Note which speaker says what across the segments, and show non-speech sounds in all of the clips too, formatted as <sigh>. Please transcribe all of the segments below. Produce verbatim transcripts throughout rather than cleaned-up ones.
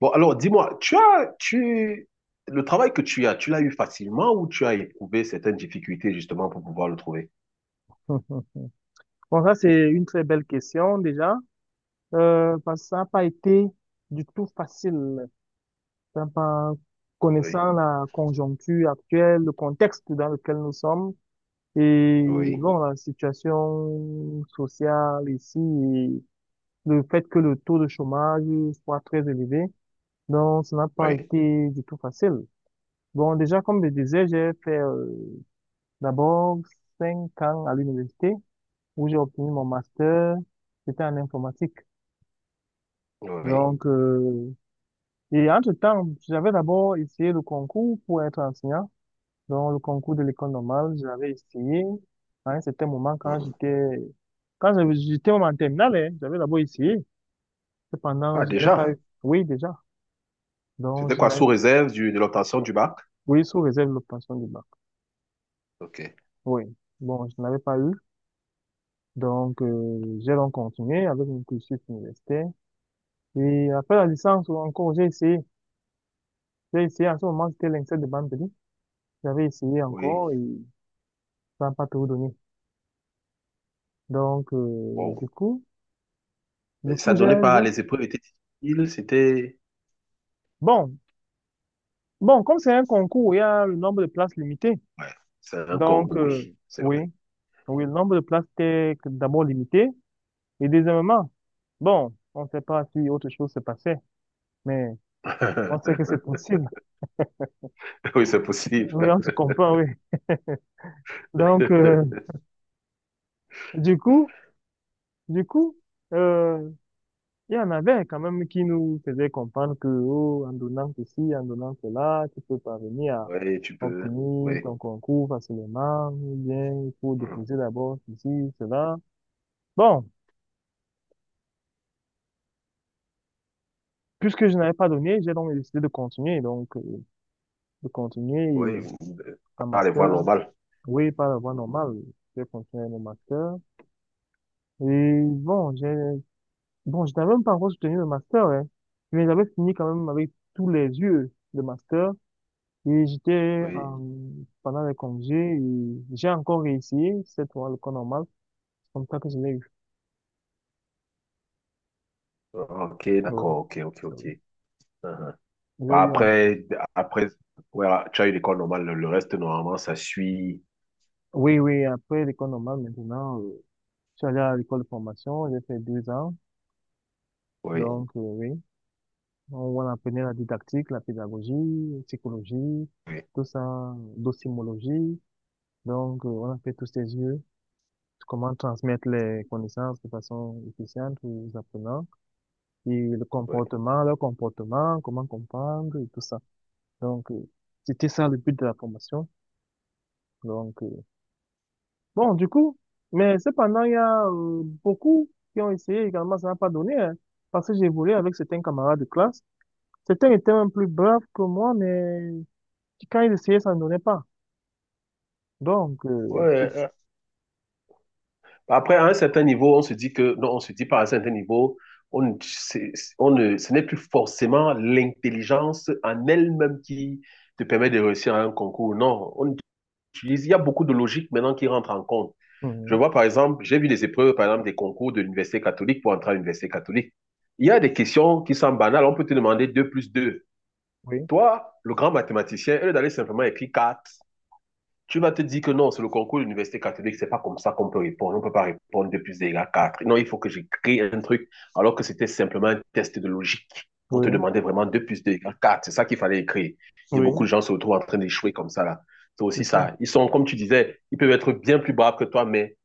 Speaker 1: Bon, alors dis-moi, tu as, tu, le travail que tu as, tu l'as eu facilement ou tu as éprouvé certaines difficultés justement pour pouvoir le trouver?
Speaker 2: Hum. Bon, ça, c'est une très belle question déjà, euh, parce que ça n'a pas été du tout facile. Enfin, par-
Speaker 1: Oui,
Speaker 2: connaissant la conjoncture actuelle, le contexte dans lequel nous sommes et
Speaker 1: oui,
Speaker 2: bon, la situation sociale ici, le fait que le taux de chômage soit très élevé. Donc, ça n'a pas
Speaker 1: oui,
Speaker 2: été du tout facile. Bon, déjà, comme je disais, j'ai fait euh, d'abord cinq ans à l'université où j'ai obtenu mon master. C'était en informatique.
Speaker 1: oui.
Speaker 2: Donc, euh, et entre-temps, j'avais d'abord essayé le concours pour être enseignant. Donc, le concours de l'école normale, j'avais essayé. Hein, c'était un moment quand
Speaker 1: Mhm.
Speaker 2: j'étais, quand j'avais- j'étais même en terminale, hein, j'avais d'abord essayé. Cependant,
Speaker 1: Ah,
Speaker 2: je ne l'ai pas
Speaker 1: déjà,
Speaker 2: eu. Oui, déjà. Donc,
Speaker 1: c'était
Speaker 2: je
Speaker 1: quoi,
Speaker 2: n'avais
Speaker 1: sous réserve du- de l'obtention du bac?
Speaker 2: Oui, sous réserve de l'obtention du bac.
Speaker 1: Ok,
Speaker 2: Oui. Bon, je n'avais pas eu. Donc, euh, j'ai donc continué avec mon cursus universitaire. Et après la licence, encore, j'ai essayé. J'ai essayé, à ce moment, c'était l'INSEAD de Bambéry. J'avais essayé
Speaker 1: oui.
Speaker 2: encore et ça n'a pas tout donné. Donc, euh,
Speaker 1: Wow.
Speaker 2: du coup, du
Speaker 1: Mais ça
Speaker 2: coup, j'ai,
Speaker 1: donnait pas,
Speaker 2: j'ai-
Speaker 1: les épreuves étaient difficiles, c'était...
Speaker 2: Bon, bon, comme c'est un concours, il y a le nombre de places limitées.
Speaker 1: Ouais, c'est un concours,
Speaker 2: Donc,
Speaker 1: oui,
Speaker 2: euh,
Speaker 1: c'est
Speaker 2: oui,
Speaker 1: vrai.
Speaker 2: oui, le nombre de places était d'abord limité. Et deuxièmement, bon, on ne sait pas si autre chose se passait, mais on sait que c'est
Speaker 1: <laughs>
Speaker 2: possible.
Speaker 1: Oui, c'est possible.
Speaker 2: Oui, on se comprend, oui. Donc, euh,
Speaker 1: <laughs>
Speaker 2: du coup, du coup, euh, il y en avait quand même qui nous faisaient comprendre que, oh, en donnant ceci, en donnant cela, tu peux parvenir à
Speaker 1: Oui, tu peux.
Speaker 2: obtenir
Speaker 1: Oui.
Speaker 2: ton concours facilement, ou bien il faut
Speaker 1: Mhm.
Speaker 2: déposer d'abord ceci, cela. Bon, puisque je n'avais pas donné, j'ai donc décidé de continuer, donc, euh, de continuer
Speaker 1: Oui, vous- euh,
Speaker 2: un
Speaker 1: ah, les voies
Speaker 2: master,
Speaker 1: normales.
Speaker 2: oui, par la voie
Speaker 1: Mhm.
Speaker 2: normale, j'ai continué mon master. Et bon, j'ai Bon, je n'avais même pas encore soutenu le master, hein. Mais j'avais fini quand même avec tous les yeux le master. Et j'étais
Speaker 1: Oui.
Speaker 2: en- pendant les congés, et j'ai encore réessayé cette fois l'école normale. C'est comme ça que je l'ai eu.
Speaker 1: Ah, ok,
Speaker 2: Oui,
Speaker 1: d'accord, ok, ok, ok.
Speaker 2: oui.
Speaker 1: Mhm.
Speaker 2: j'ai
Speaker 1: Bah,
Speaker 2: eu en-
Speaker 1: après, après ouais, tu as eu l'école normale, le, le reste, normalement, ça suit.
Speaker 2: Oui, oui, après l'école normale, maintenant, euh, je suis allé à l'école de formation, j'ai fait deux ans.
Speaker 1: Oui,
Speaker 2: Donc, euh, oui, on, on apprenait la didactique, la pédagogie, psychologie,
Speaker 1: oui,
Speaker 2: tout ça, docimologie. Donc, euh, on a fait tous ces yeux. Comment transmettre les connaissances de façon efficiente aux apprenants et le
Speaker 1: oui.
Speaker 2: comportement, leur comportement, comment comprendre et tout ça. Donc, euh, c'était ça le but de la formation. Donc, euh, bon, du coup, mais cependant, il y a euh, beaucoup qui ont essayé également, ça n'a pas donné, hein, parce que j'ai évolué avec certains camarades de classe. Certains étaient même plus braves que moi, mais quand ils essayaient, ça ne donnait pas. Donc,
Speaker 1: Ouais,
Speaker 2: euh,
Speaker 1: euh, après, à un certain niveau, on se dit que, non, on se dit pas à un certain niveau, on, ne- c'est- on ne, ce n'est plus forcément l'intelligence en elle-même qui te permet de réussir à un concours. Non, on utilise, il y a beaucoup de logique maintenant qui rentre en compte. Je
Speaker 2: mhm,
Speaker 1: vois par exemple, j'ai vu les épreuves, par exemple, des concours de l'université catholique pour entrer à l'université catholique. Il y a des questions qui sont banales. On peut te demander deux plus deux.
Speaker 2: oui,
Speaker 1: Toi, le grand mathématicien, au lieu d'aller simplement écrire quatre, tu vas te dire que non, c'est le concours de l'université catholique, c'est pas comme ça qu'on peut répondre. On peut pas répondre deux plus deux égale quatre. Non, il faut que j'écris un truc, alors que c'était simplement un test de logique. On te
Speaker 2: oui,
Speaker 1: demandait vraiment deux plus deux égale quatre. C'est ça qu'il fallait écrire. Et
Speaker 2: oui,
Speaker 1: beaucoup de gens se retrouvent en train d'échouer comme ça, là. C'est
Speaker 2: c'est
Speaker 1: aussi
Speaker 2: ça.
Speaker 1: ça. Ils sont, comme tu disais, ils peuvent être bien plus braves que toi, mais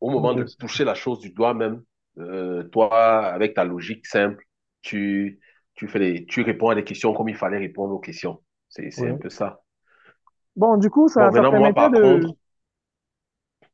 Speaker 1: au moment de
Speaker 2: Oui.
Speaker 1: toucher la chose du doigt même, euh, toi, avec ta logique simple, tu, tu, fais les, tu réponds à des questions comme il fallait répondre aux questions. C'est, c'est
Speaker 2: Oui.
Speaker 1: un peu ça.
Speaker 2: Bon, du coup, ça,
Speaker 1: Bon,
Speaker 2: ça
Speaker 1: maintenant, moi,
Speaker 2: permettait
Speaker 1: par
Speaker 2: de,
Speaker 1: contre,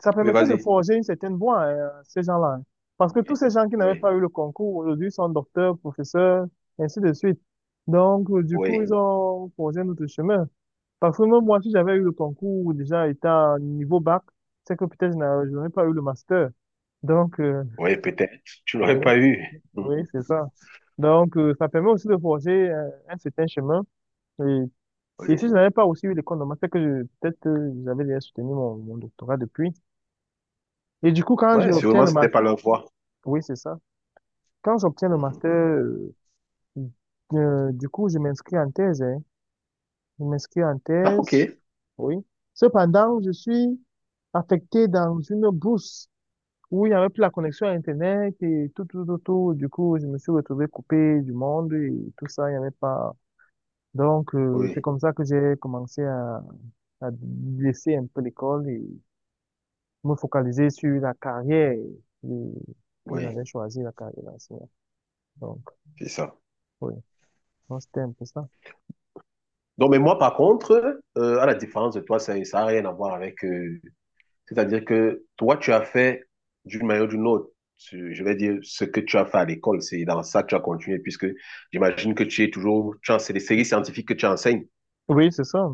Speaker 2: ça
Speaker 1: oui,
Speaker 2: permettait de
Speaker 1: vas-y.
Speaker 2: forger une certaine voie, hein, à ces gens-là. Parce que tous
Speaker 1: Oui,
Speaker 2: ces gens qui n'avaient
Speaker 1: oui,
Speaker 2: pas eu le concours aujourd'hui sont docteurs, professeurs, ainsi de suite. Donc, euh, du coup, ils
Speaker 1: oui,
Speaker 2: ont forgé un autre chemin. Parce que même moi, si j'avais eu le concours déjà étant niveau bac, c'est que peut-être je n'a- je n'aurais pas eu le master. Donc, euh,
Speaker 1: oui, peut-être. Tu
Speaker 2: oui,
Speaker 1: n'aurais pas eu.
Speaker 2: oui,
Speaker 1: <laughs>
Speaker 2: c'est ça. Donc, euh, ça permet aussi de forger euh, un certain chemin. Et,
Speaker 1: Mhm.
Speaker 2: et
Speaker 1: Oui.
Speaker 2: si je n'avais pas aussi eu l'école de master, que je- peut-être euh, j'avais déjà soutenu mon, mon doctorat depuis. Et du coup, quand
Speaker 1: Ouais,
Speaker 2: j'obtiens
Speaker 1: sûrement,
Speaker 2: le
Speaker 1: c'était
Speaker 2: master,
Speaker 1: pas leur voix.
Speaker 2: oui, c'est ça. Quand j'obtiens le master,
Speaker 1: Mhm.
Speaker 2: euh, euh, du coup, je m'inscris en thèse, hein. Je m'inscris en
Speaker 1: Ah, ok.
Speaker 2: thèse, oui. Cependant, je suis affecté dans une bourse où il n'y avait plus la connexion à Internet et tout, tout, tout, tout. Du coup, je me suis retrouvé coupé du monde et tout ça, il n'y avait pas. Donc, euh, c'est
Speaker 1: Oui,
Speaker 2: comme ça que j'ai commencé à, à laisser un peu l'école et me focaliser sur la carrière euh, que
Speaker 1: oui,
Speaker 2: j'avais choisi, la carrière d'enseignant. Donc,
Speaker 1: c'est ça.
Speaker 2: oui. Donc, c'était un peu ça.
Speaker 1: Non, mais moi, par contre, euh, à la différence de toi, ça n'a rien à voir avec euh, c'est-à-dire que toi, tu as fait d'une manière ou d'une autre, tu- je vais dire, ce que tu as fait à l'école, c'est dans ça que tu as continué, puisque j'imagine que tu es toujours, tu en- c'est les séries scientifiques que tu enseignes.
Speaker 2: Oui, c'est ça.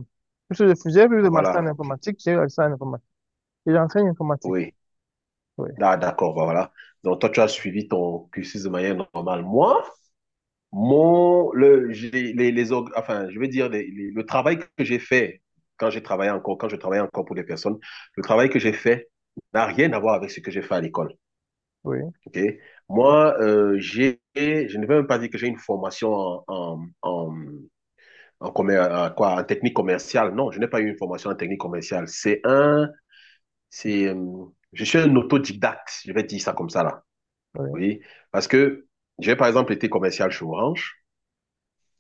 Speaker 2: Plus je fais- Plus de master
Speaker 1: Voilà,
Speaker 2: en
Speaker 1: ok.
Speaker 2: informatique, j'ai eu le master en informatique. Et j'enseigne informatique.
Speaker 1: Oui,
Speaker 2: Oui,
Speaker 1: ah, d'accord, bah, voilà. Donc, toi, tu as suivi ton cursus de manière normale. Moi, mon, le, j'ai- les, les, org- enfin, je vais dire, les- les- le travail que j'ai fait quand j'ai travaillé encore, quand je travaillais encore pour des personnes, le travail que j'ai fait n'a rien à voir avec ce que j'ai fait à l'école.
Speaker 2: oui,
Speaker 1: Ok. Moi, euh, j'ai, je ne vais même pas dire que j'ai une formation en, en, en, en commer- en quoi, en technique commerciale. Non, je n'ai pas eu une formation en technique commerciale. C'est un, c'est, euh, je suis un autodidacte, je vais dire ça comme ça là.
Speaker 2: oui,
Speaker 1: Oui, parce que j'ai par exemple été commercial chez Orange.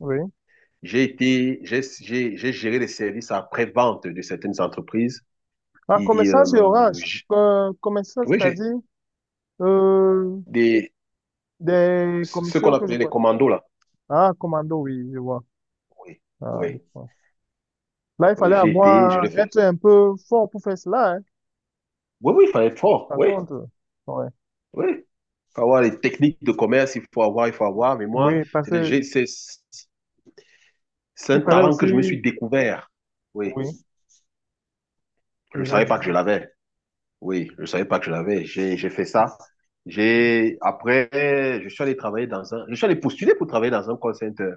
Speaker 2: oui.
Speaker 1: J'ai été, j'ai, j'ai, j'ai géré les services après-vente de certaines entreprises.
Speaker 2: Ah,
Speaker 1: Et,
Speaker 2: commerçant chez
Speaker 1: euh,
Speaker 2: Orange,
Speaker 1: j'-
Speaker 2: euh, commerçant,
Speaker 1: oui, j'ai
Speaker 2: c'est-à-dire euh,
Speaker 1: des,
Speaker 2: des
Speaker 1: ce qu'on
Speaker 2: commissions que je
Speaker 1: appelait les
Speaker 2: connais.
Speaker 1: commandos là.
Speaker 2: Ah, commando, oui, je vois.
Speaker 1: Oui,
Speaker 2: Ah,
Speaker 1: oui.
Speaker 2: je vois. Là, il fallait
Speaker 1: Oui, j'ai été, je
Speaker 2: avoir,
Speaker 1: l'ai fait.
Speaker 2: être un peu fort pour faire cela, hein.
Speaker 1: Oui, oui, il fallait être fort.
Speaker 2: Par
Speaker 1: Oui,
Speaker 2: contre, ouais.
Speaker 1: oui. Il faut avoir les techniques de commerce, il faut avoir, il faut avoir. Mais moi,
Speaker 2: Oui, parce
Speaker 1: c'est des-
Speaker 2: que
Speaker 1: j'ai- c'est- c'est
Speaker 2: il
Speaker 1: un
Speaker 2: fallait
Speaker 1: talent
Speaker 2: aussi,
Speaker 1: que je me suis découvert. Oui,
Speaker 2: oui,
Speaker 1: je ne
Speaker 2: oui, là,
Speaker 1: savais pas que je l'avais. Oui, je ne savais pas que je l'avais. J'ai, j'ai fait ça. J'ai, après, je suis allé travailler dans un, je suis allé postuler pour travailler dans un call center,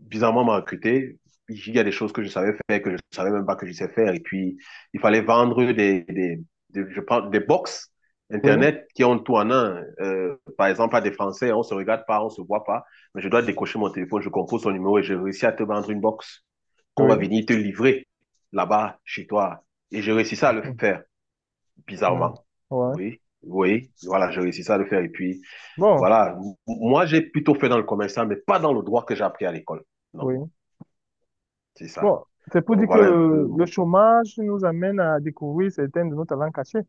Speaker 1: bizarrement m'a recruté. Il y a des choses que je savais faire, que je ne savais même pas que je sais faire. Et puis, il fallait vendre des, des, des je parle, des box
Speaker 2: oui,
Speaker 1: Internet qui ont tout en un. Euh, par exemple, à des Français, on ne se regarde pas, on ne se voit pas. Mais je dois décocher mon téléphone, je compose son numéro et j'ai réussi à te vendre une box qu'on
Speaker 2: oui.
Speaker 1: va venir te livrer là-bas, chez toi. Et j'ai réussi ça à le faire,
Speaker 2: Là,
Speaker 1: bizarrement.
Speaker 2: ouais.
Speaker 1: Oui. Oui, voilà, j'ai réussi ça à le faire. Et puis,
Speaker 2: Bon,
Speaker 1: voilà, moi, j'ai plutôt fait dans le commerce, mais pas dans le droit que j'ai appris à l'école. Non,
Speaker 2: oui.
Speaker 1: c'est ça.
Speaker 2: Bon, c'est pour
Speaker 1: Donc
Speaker 2: dire que
Speaker 1: voilà un peu.
Speaker 2: le, le
Speaker 1: mon-
Speaker 2: chômage nous amène à découvrir certains de nos talents cachés.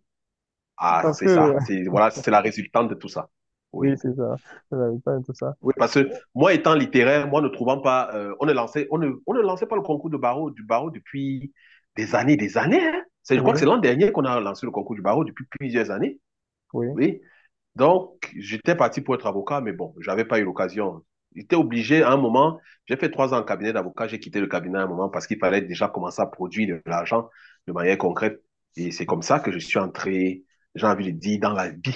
Speaker 1: Ah,
Speaker 2: Parce
Speaker 1: c'est
Speaker 2: que,
Speaker 1: ça. C'est voilà, c'est la résultante de tout ça.
Speaker 2: <laughs> oui,
Speaker 1: Oui.
Speaker 2: c'est ça. C'est la vérité de tout ça.
Speaker 1: Oui, parce que moi étant littéraire, moi ne trouvant pas, euh, on ne lançait, on ne, on ne lançait pas le concours de barreau, du barreau depuis des années, des années, hein. C'est, je
Speaker 2: Oui,
Speaker 1: crois que c'est l'an dernier qu'on a lancé le concours du barreau depuis plusieurs années.
Speaker 2: oui,
Speaker 1: Oui. Donc, j'étais parti pour être avocat, mais bon, j'avais pas eu l'occasion. J'étais obligé à un moment, j'ai fait trois ans en cabinet d'avocat, j'ai quitté le cabinet à un moment parce qu'il fallait déjà commencer à produire de l'argent de manière concrète. Et c'est comme ça que je suis entré, j'ai envie de dire, dans la vie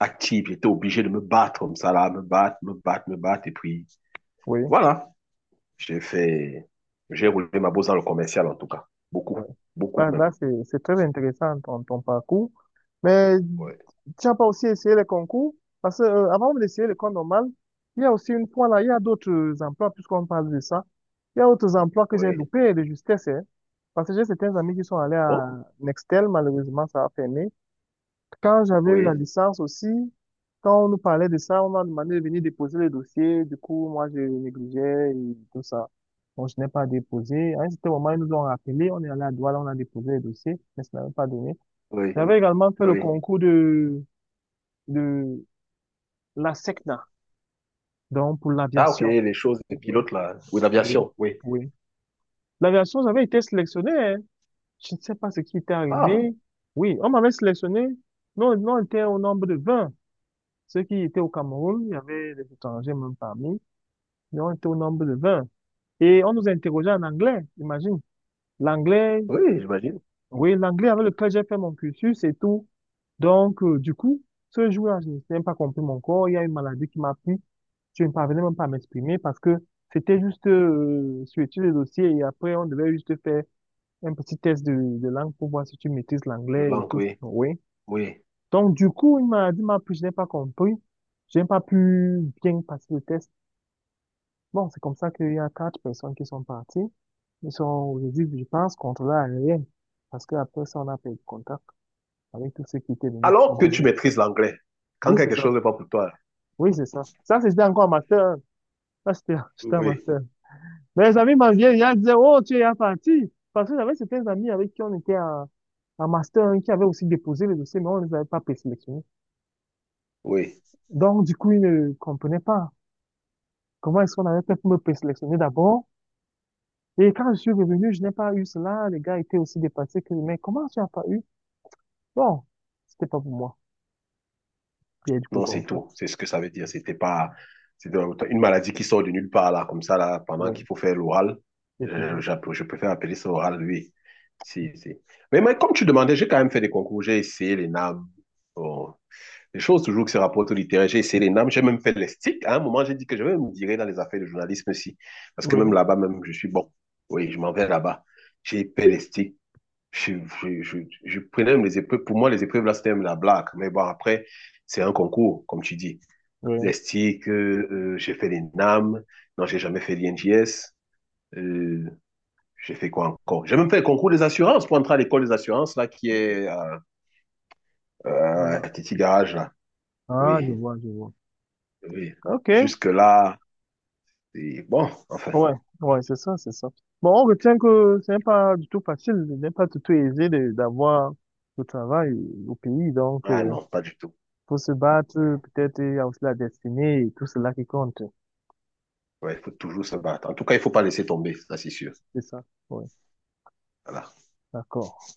Speaker 1: active. J'étais obligé de me battre comme ça, là, me battre, me battre, me battre. Et puis,
Speaker 2: oui.
Speaker 1: voilà, j'ai fait, j'ai roulé ma bosse dans le commercial en tout cas. Beaucoup,
Speaker 2: Ouais.
Speaker 1: beaucoup
Speaker 2: Là,
Speaker 1: même.
Speaker 2: là, c'est, c'est très intéressant ton, ton parcours. Mais
Speaker 1: Oui,
Speaker 2: tu n'as pas aussi essayé les concours? Parce que, euh, avant d'essayer l'école normale, il y a aussi une fois là, il y a d'autres emplois, puisqu'on parle de ça. Il y a d'autres emplois que j'ai
Speaker 1: oui.
Speaker 2: loupés de justesse, hein. Parce que j'ai certains amis qui sont allés
Speaker 1: Ah
Speaker 2: à
Speaker 1: bon?
Speaker 2: Nextel, malheureusement, ça a fermé. Quand j'avais eu la
Speaker 1: Oui,
Speaker 2: licence aussi, quand on nous parlait de ça, on m'a demandé de venir déposer le dossier. Du coup, moi, je négligeais et tout ça. Bon, je n'ai pas déposé. À un certain moment, ils nous ont rappelé. On est allé à Douala, on a déposé le dossier, mais ça n'avait pas donné.
Speaker 1: oui,
Speaker 2: J'avais également fait le
Speaker 1: oui.
Speaker 2: concours de, de la SECNA, donc pour
Speaker 1: Ah, ok,
Speaker 2: l'aviation.
Speaker 1: les choses de
Speaker 2: Oui,
Speaker 1: pilote, là. Oui,
Speaker 2: oui,
Speaker 1: l'aviation, oui.
Speaker 2: oui. L'aviation, j'avais été sélectionné, hein. Je ne sais pas ce qui était
Speaker 1: Ah,
Speaker 2: arrivé. Oui, on m'avait sélectionné. Nous, nous on était au nombre de vingt. Ceux qui étaient au Cameroun, il y avait des étrangers même parmi, ils ont été au nombre de vingt. Et on nous interrogeait en anglais, imagine. L'anglais,
Speaker 1: oui, j'imagine.
Speaker 2: oui, l'anglais avec lequel j'ai fait mon cursus et tout. Donc, euh, du coup, ce jour-là, je n'ai même pas compris mon corps. Il y a une maladie qui m'a pris. Je ne parvenais même pas à m'exprimer parce que c'était juste euh, suivre le dossier et après, on devait juste faire un petit test de, de langue pour voir si tu maîtrises
Speaker 1: Le
Speaker 2: l'anglais et
Speaker 1: langue,
Speaker 2: tout.
Speaker 1: oui,
Speaker 2: Oui.
Speaker 1: oui.
Speaker 2: Donc, du coup, une maladie m'a pris, je n'ai pas compris. Je n'ai pas pu bien passer le test. Bon, c'est comme ça qu'il y a quatre personnes qui sont parties. Ils sont, aujourd'hui, je pense, contrôlés à rien. Parce qu'après ça, on a perdu contact avec tous ceux qui étaient venus
Speaker 1: Alors que tu
Speaker 2: composer.
Speaker 1: maîtrises l'anglais,
Speaker 2: Oui,
Speaker 1: quand
Speaker 2: c'est
Speaker 1: quelque
Speaker 2: ça.
Speaker 1: chose n'est pas pour toi,
Speaker 2: Oui, c'est ça. Ça, c'était encore en master un. Ça, c'était, <laughs> c'était un
Speaker 1: oui,
Speaker 2: master. Mes amis m'en viennent, ils disaient, oh, tu es parti. Parce que j'avais certains amis avec qui on était en, en master un qui avaient aussi déposé le dossier, mais on ne les avait pas présélectionnés.
Speaker 1: oui.
Speaker 2: Donc, du coup, ils ne comprenaient pas comment est-ce qu'on avait fait pour me présélectionner d'abord. Et quand je suis revenu, je n'ai pas eu cela. Les gars étaient aussi dépassés que, mais comment tu n'as pas eu? Bon, c'était pas pour moi. Et du coup,
Speaker 1: Non, c'est
Speaker 2: comme ça.
Speaker 1: tout. C'est ce que ça veut dire. C'était pas... C'était une maladie qui sort de nulle part, là, comme ça, là, pendant qu'il
Speaker 2: Oui,
Speaker 1: faut faire l'oral.
Speaker 2: je te
Speaker 1: Euh,
Speaker 2: dis.
Speaker 1: j'app- je préfère appeler ça oral, oui. Si, si. Mais, mais comme tu demandais, j'ai quand même fait des concours. J'ai essayé les N A M. Bon, les choses toujours que ces rapports littéraires. J'ai essayé les N A M, j'ai même fait les sticks. À un moment, j'ai dit que je vais me virer dans les affaires de journalisme aussi. Parce que
Speaker 2: Oui,
Speaker 1: même là-bas, même, je suis bon. Oui, je m'en vais là-bas. J'ai fait les sticks. Je, je, je, je, prenais même les épreuves. Pour moi, les épreuves, là, c'était même la blague. Mais bon, après, c'est un concours, comme tu dis.
Speaker 2: oui.
Speaker 1: Les sticks, euh, euh, j'ai fait les N A M. Non, j'ai jamais fait l'I N J S. Euh, j'ai fait quoi encore. J'ai même fait le concours des assurances pour entrer à l'école des assurances, là, qui est à, euh,
Speaker 2: Ah,
Speaker 1: à Titi Garage, là.
Speaker 2: ah,
Speaker 1: Oui,
Speaker 2: je vois, je vois.
Speaker 1: oui.
Speaker 2: OK.
Speaker 1: Jusque-là, et bon, enfin.
Speaker 2: Ouais, ouais, c'est ça, c'est ça. Bon, on retient que ce n'est pas du tout facile, ce n'est pas du tout aisé de- d'avoir le travail au pays. Donc,
Speaker 1: Ah
Speaker 2: euh,
Speaker 1: non, pas du tout.
Speaker 2: faut se battre,
Speaker 1: Ouais,
Speaker 2: peut-être, il y a aussi la destinée et tout cela qui compte.
Speaker 1: ouais, il faut toujours se battre. En tout cas, il ne faut pas laisser tomber, ça c'est sûr.
Speaker 2: C'est ça. Oui,
Speaker 1: Voilà.
Speaker 2: d'accord.